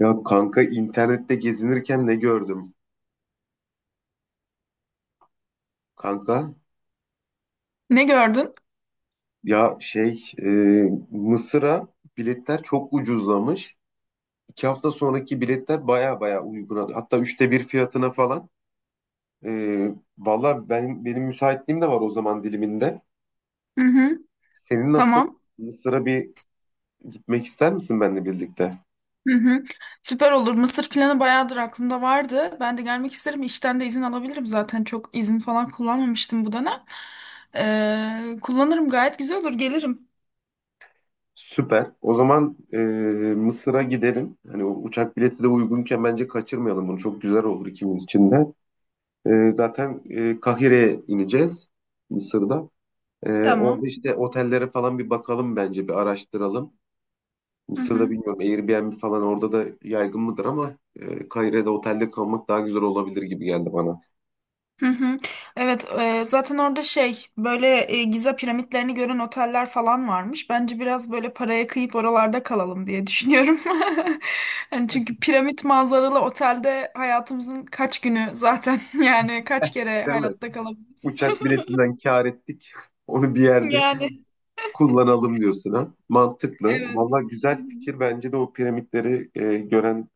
Ya kanka internette gezinirken ne gördüm? Kanka, Ne gördün? ya şey e, Mısır'a biletler çok ucuzlamış. İki hafta sonraki biletler baya baya uyguna. Hatta üçte bir fiyatına falan. Valla benim müsaitliğim de var o zaman diliminde. Hı hı. Senin nasıl? Tamam. Mısır'a bir gitmek ister misin benimle birlikte? Hı hı. Süper olur. Mısır planı bayağıdır aklımda vardı. Ben de gelmek isterim. İşten de izin alabilirim zaten. Çok izin falan kullanmamıştım bu dönem. Kullanırım gayet güzel olur. Gelirim. Süper. O zaman Mısır'a gidelim. Hani o uçak bileti de uygunken bence kaçırmayalım bunu. Çok güzel olur ikimiz için de. Zaten Kahire'ye ineceğiz Mısır'da. Orada Tamam. işte otellere falan bir bakalım, bence bir araştıralım. Hı Mısır'da hı. bilmiyorum, Airbnb falan orada da yaygın mıdır, ama Kahire'de otelde kalmak daha güzel olabilir gibi geldi bana. Hı hı. Evet, zaten orada şey böyle Giza piramitlerini gören oteller falan varmış. Bence biraz böyle paraya kıyıp oralarda kalalım diye düşünüyorum. Hani çünkü piramit manzaralı otelde hayatımızın kaç günü zaten yani kaç kere Değil mi? hayatta kalabiliriz. Uçak biletinden kâr ettik. Onu bir yerde Yani kullanalım diyorsun ha. Mantıklı. evet. Valla Hı güzel fikir. Bence de o piramitleri gören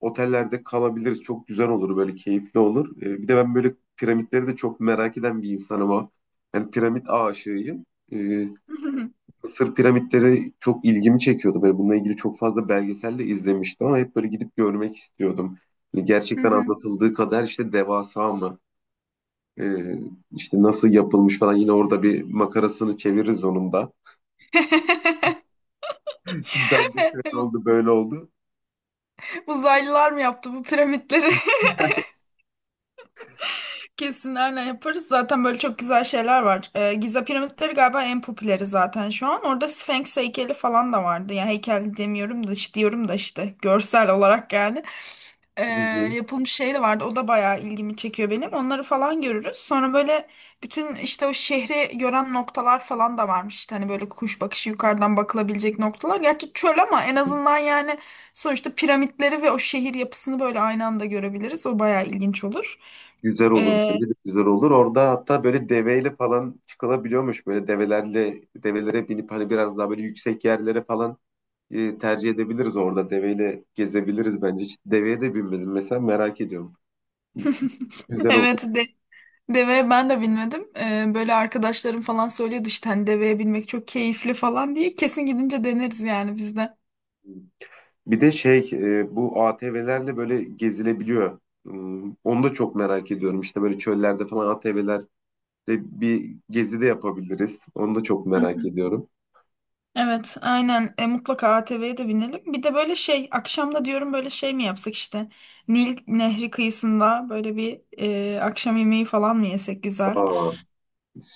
otellerde kalabiliriz. Çok güzel olur, böyle keyifli olur. Bir de ben böyle piramitleri de çok merak eden bir insanım ama. Yani piramit aşığıyım. Ee, hı. Mısır piramitleri çok ilgimi çekiyordu. Böyle bununla ilgili çok fazla belgesel de izlemiştim ama hep böyle gidip görmek istiyordum. Yani Hı gerçekten hı. anlatıldığı kadar işte devasa mı? Ee, işte nasıl yapılmış falan, yine orada bir makarasını çeviririz onun da. Bence Evet, şöyle oldu böyle oldu. uzaylılar mı yaptı bu piramitleri? Kesin aynen yaparız. Zaten böyle çok güzel şeyler var. Giza piramitleri galiba en popüleri zaten şu an. Orada Sphinx heykeli falan da vardı. Yani heykel demiyorum da işte diyorum da işte görsel olarak yani. Ee, Hı hı. yapılmış şey de vardı. O da bayağı ilgimi çekiyor benim. Onları falan görürüz. Sonra böyle bütün işte o şehri gören noktalar falan da varmış. İşte hani böyle kuş bakışı yukarıdan bakılabilecek noktalar. Gerçi çöl ama en azından yani sonuçta piramitleri ve o şehir yapısını böyle aynı anda görebiliriz. O bayağı ilginç olur. Güzel olur. Ee, Bence de güzel olur. Orada hatta böyle deveyle falan çıkılabiliyormuş. Böyle develerle, develere binip hani biraz daha böyle yüksek yerlere falan tercih edebiliriz orada. Deveyle gezebiliriz bence. Hiç deveye de binmedim mesela, merak ediyorum. Güzel olur. Evet de, deve ben de bilmedim. Böyle arkadaşlarım falan söylüyordu işte hani deveye binmek çok keyifli falan diye. Kesin gidince deneriz yani biz de. Bir de bu ATV'lerle böyle gezilebiliyor. Hmm, onu da çok merak ediyorum. İşte böyle çöllerde falan ATV'lerde bir gezi de yapabiliriz. Onu da çok Hı merak hı. ediyorum. Evet, aynen. Mutlaka ATV'ye de binelim. Bir de böyle şey, akşamda diyorum böyle şey mi yapsak işte. Nil Nehri kıyısında böyle bir akşam yemeği falan mı yesek güzel? Aa,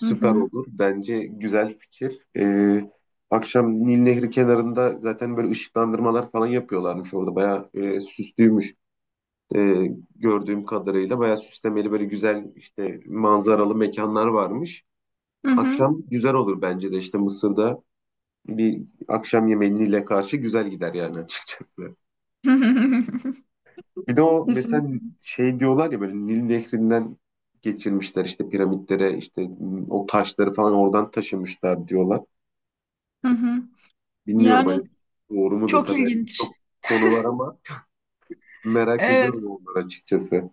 Hı hı. olur. Bence güzel fikir. Akşam Nil Nehri kenarında zaten böyle ışıklandırmalar falan yapıyorlarmış orada. Bayağı süslüymüş. Ee, Gördüğüm kadarıyla bayağı süslemeli böyle güzel işte manzaralı mekanlar varmış. Hı hı. Akşam güzel olur bence de, işte Mısır'da bir akşam yemeğiyle karşı güzel gider yani açıkçası. Bir de o Kesin. mesela şey diyorlar ya, böyle Nil Nehri'nden geçirmişler işte piramitlere, işte o taşları falan oradan taşımışlar diyorlar. Hı hı. Bilmiyorum Yani hani doğru mudur çok tabii, yani ilginç. çok konu var ama merak ediyorum Evet. onları açıkçası.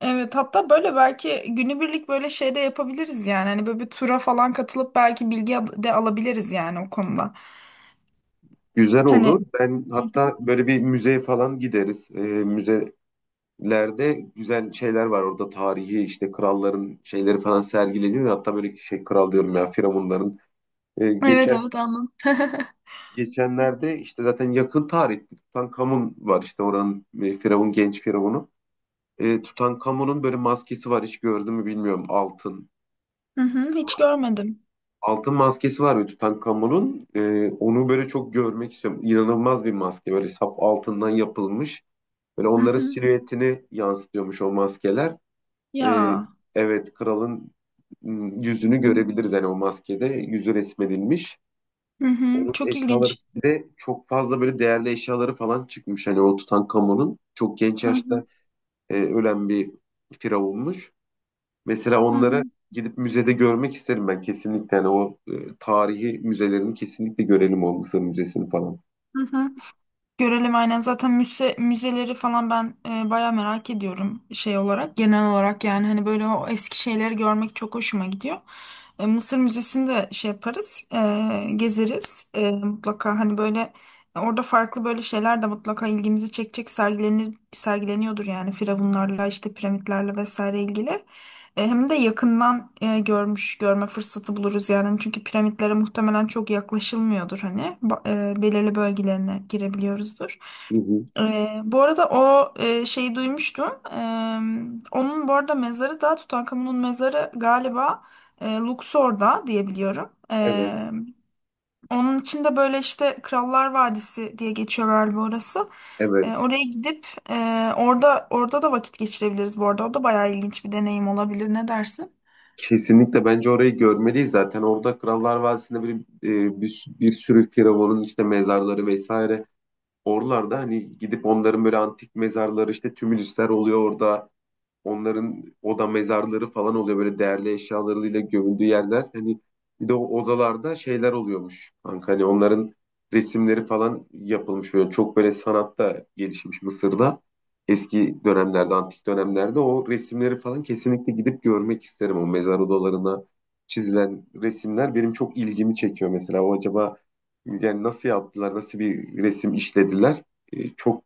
Evet, hatta böyle belki günübirlik böyle şey de yapabiliriz yani. Hani böyle bir tura falan katılıp belki bilgi de alabiliriz yani o konuda. Güzel Hani olur. Ben hatta böyle bir müzeye falan gideriz. Müzelerde güzel şeyler var orada, tarihi işte kralların şeyleri falan sergileniyor. Hatta böyle şey, kral diyorum ya, firavunların. Ee, evet geçen evet, anladım. Geçenlerde işte zaten yakın tarihte Tutankamun var, işte oranın firavun, genç firavunu. E, Tutankamun'un böyle maskesi var, hiç gördün mü bilmiyorum, altın. Hı hı, hiç görmedim. Altın maskesi var ve Tutankamon'un onu böyle çok görmek istiyorum. İnanılmaz bir maske, böyle saf altından yapılmış. Böyle Hı onların hı. silüetini yansıtıyormuş o maskeler. E, Ya. evet, kralın Hı yüzünü hı. görebiliriz yani, o maskede yüzü resmedilmiş. Hı hı, Onun çok eşyaları ilginç. bir de çok fazla böyle değerli eşyaları falan çıkmış. Hani o Tutankamon'un çok genç Hı hı. yaşta ölen bir firavunmuş. Mesela Hı onları hı. gidip müzede görmek isterim ben kesinlikle. Yani o tarihi müzelerini kesinlikle görelim, o Mısır Müzesi'ni falan. Hı hı. Görelim aynen, zaten müzeleri falan ben bayağı merak ediyorum şey olarak, genel olarak yani. Hani böyle o eski şeyleri görmek çok hoşuma gidiyor. Mısır Müzesi'ni de şey yaparız, gezeriz. Mutlaka hani böyle orada farklı böyle şeyler de mutlaka ilgimizi çekecek sergileniyordur yani firavunlarla işte piramitlerle vesaire ilgili. Hem de yakından e, görmüş görme fırsatı buluruz yani. Hani çünkü piramitlere muhtemelen çok yaklaşılmıyordur, hani belirli bölgelerine girebiliyoruzdur. Hı hı. Bu arada o şeyi duymuştum. E, onun bu arada mezarı da, Tutankamon'un mezarı galiba Luxor'da diyebiliyorum. E, Evet, onun için de böyle işte Krallar Vadisi diye geçiyor galiba orası. E, evet. oraya gidip orada da vakit geçirebiliriz bu arada. O da bayağı ilginç bir deneyim olabilir. Ne dersin? Kesinlikle bence orayı görmeliyiz zaten. Orada Krallar Vadisi'nde bir sürü firavunun işte mezarları vesaire. Oralarda hani gidip onların böyle antik mezarları, işte tümülüsler oluyor orada. Onların oda mezarları falan oluyor, böyle değerli eşyalarıyla gömüldüğü yerler. Hani bir de o odalarda şeyler oluyormuş kanka. Hani onların resimleri falan yapılmış, böyle çok böyle sanatta gelişmiş Mısır'da. Eski dönemlerde, antik dönemlerde, o resimleri falan kesinlikle gidip görmek isterim. O mezar odalarına çizilen resimler benim çok ilgimi çekiyor mesela. O acaba yani nasıl yaptılar, nasıl bir resim işlediler? Çok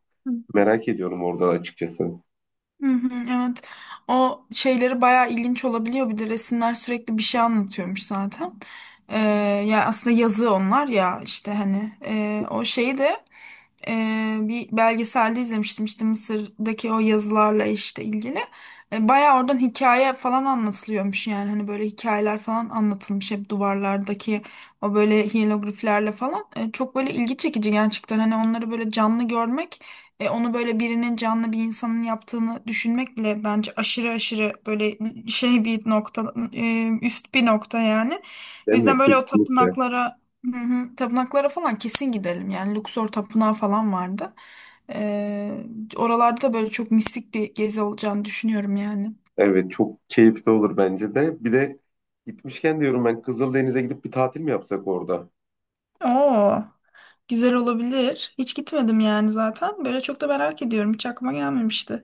merak ediyorum orada açıkçası. Hı hı, evet. O şeyleri bayağı ilginç olabiliyor. Bir de resimler sürekli bir şey anlatıyormuş zaten. Ee, Ya aslında yazı onlar ya, işte hani o şeyi de bir belgeselde izlemiştim işte Mısır'daki o yazılarla işte ilgili. Bayağı oradan hikaye falan anlatılıyormuş yani. Hani böyle hikayeler falan anlatılmış hep duvarlardaki o böyle hiyelogliflerle falan. Çok böyle ilgi çekici gerçekten, hani onları böyle canlı görmek. Onu böyle birinin, canlı bir insanın yaptığını düşünmek bile bence aşırı aşırı böyle şey bir nokta, üst bir nokta yani. O Değil yüzden mi? böyle o Kesinlikle. tapınaklara, hı hı, tapınaklara falan kesin gidelim. Yani Luxor tapınağı falan vardı. E, oralarda da böyle çok mistik bir gezi olacağını düşünüyorum yani. Evet, çok keyifli olur bence de. Bir de gitmişken diyorum, ben Kızıldeniz'e gidip bir tatil mi yapsak orada? Oo, güzel olabilir. Hiç gitmedim yani zaten. Böyle çok da merak ediyorum. Hiç aklıma gelmemişti.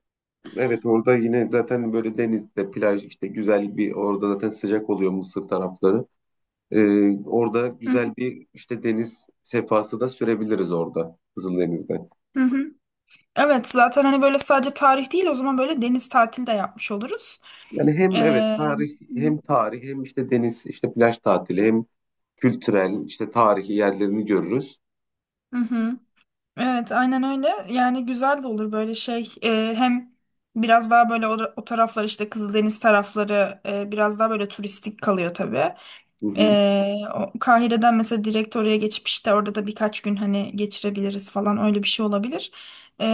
Evet, orada yine zaten böyle denizde plaj işte güzel, bir orada zaten sıcak oluyor Mısır tarafları. Orada Hı hı. güzel bir işte deniz sefası da sürebiliriz orada Kızıldeniz'de. Hı hı. Evet, zaten hani böyle sadece tarih değil, o zaman böyle deniz tatili de yapmış oluruz. Yani Ee, hem evet tarih, hı hı. Hem işte deniz, işte plaj tatili, hem kültürel işte tarihi yerlerini görürüz. Hı hı. Evet, aynen öyle. Yani güzel de olur böyle şey. Hem biraz daha böyle o taraflar, işte Kızıldeniz tarafları biraz daha böyle turistik kalıyor tabii. Hı hı. E, Kahire'den mesela direkt oraya geçip işte orada da birkaç gün hani geçirebiliriz falan, öyle bir şey olabilir. E,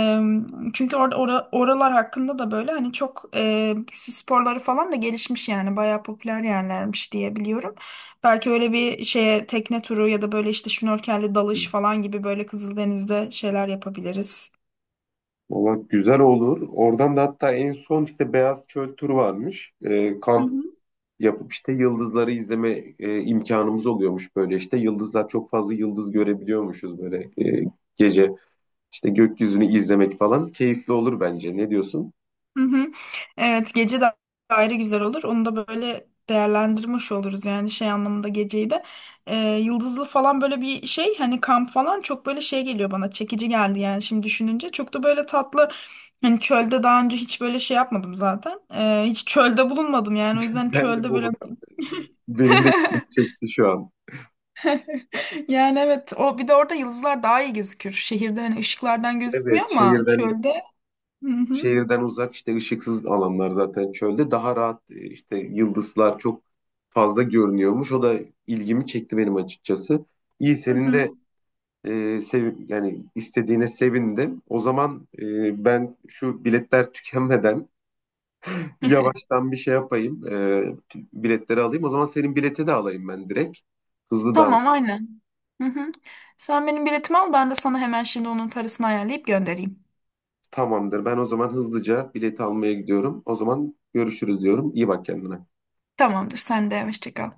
çünkü orada oralar hakkında da böyle hani çok sporları falan da gelişmiş yani, bayağı popüler yerlermiş diye biliyorum. Belki öyle bir şeye tekne turu ya da böyle işte şnorkelli dalış falan gibi böyle Kızıldeniz'de şeyler yapabiliriz. Valla güzel olur. Oradan da hatta en son işte Beyaz Çöl turu varmış. Hı Kamp hı. yapıp işte yıldızları izleme imkanımız oluyormuş böyle. İşte yıldızlar, çok fazla yıldız görebiliyormuşuz böyle e, gece. İşte gökyüzünü izlemek falan keyifli olur bence. Ne diyorsun? Hı hı. Evet, gece de ayrı güzel olur. Onu da böyle değerlendirmiş oluruz yani şey anlamında, geceyi de. Ee, yıldızlı falan böyle bir şey, hani kamp falan çok böyle şey geliyor bana, çekici geldi yani şimdi düşününce. Çok da böyle tatlı, hani çölde daha önce hiç böyle şey yapmadım zaten. Hiç çölde bulunmadım yani, o yüzden Ben de çölde Bolu. böyle Benim de ilgimi çekti şu an. yani evet, o bir de orada yıldızlar daha iyi gözükür. Şehirde hani ışıklardan Evet, gözükmüyor ama şehirden çölde. Hı hı. şehirden uzak, işte ışıksız alanlar zaten çölde, daha rahat işte yıldızlar çok fazla görünüyormuş. O da ilgimi çekti benim açıkçası. İyi, Hı senin hı. de sev, yani istediğine sevindim. O zaman ben şu biletler tükenmeden yavaştan bir şey yapayım. Biletleri alayım. O zaman senin bileti de alayım ben direkt. Hızlı davran. Tamam, aynen. Hı hı. Sen benim biletimi al, ben de sana hemen şimdi onun parasını ayarlayıp göndereyim. Tamamdır. Ben o zaman hızlıca bileti almaya gidiyorum. O zaman görüşürüz diyorum. İyi bak kendine. Tamamdır, sen de hoşça kal.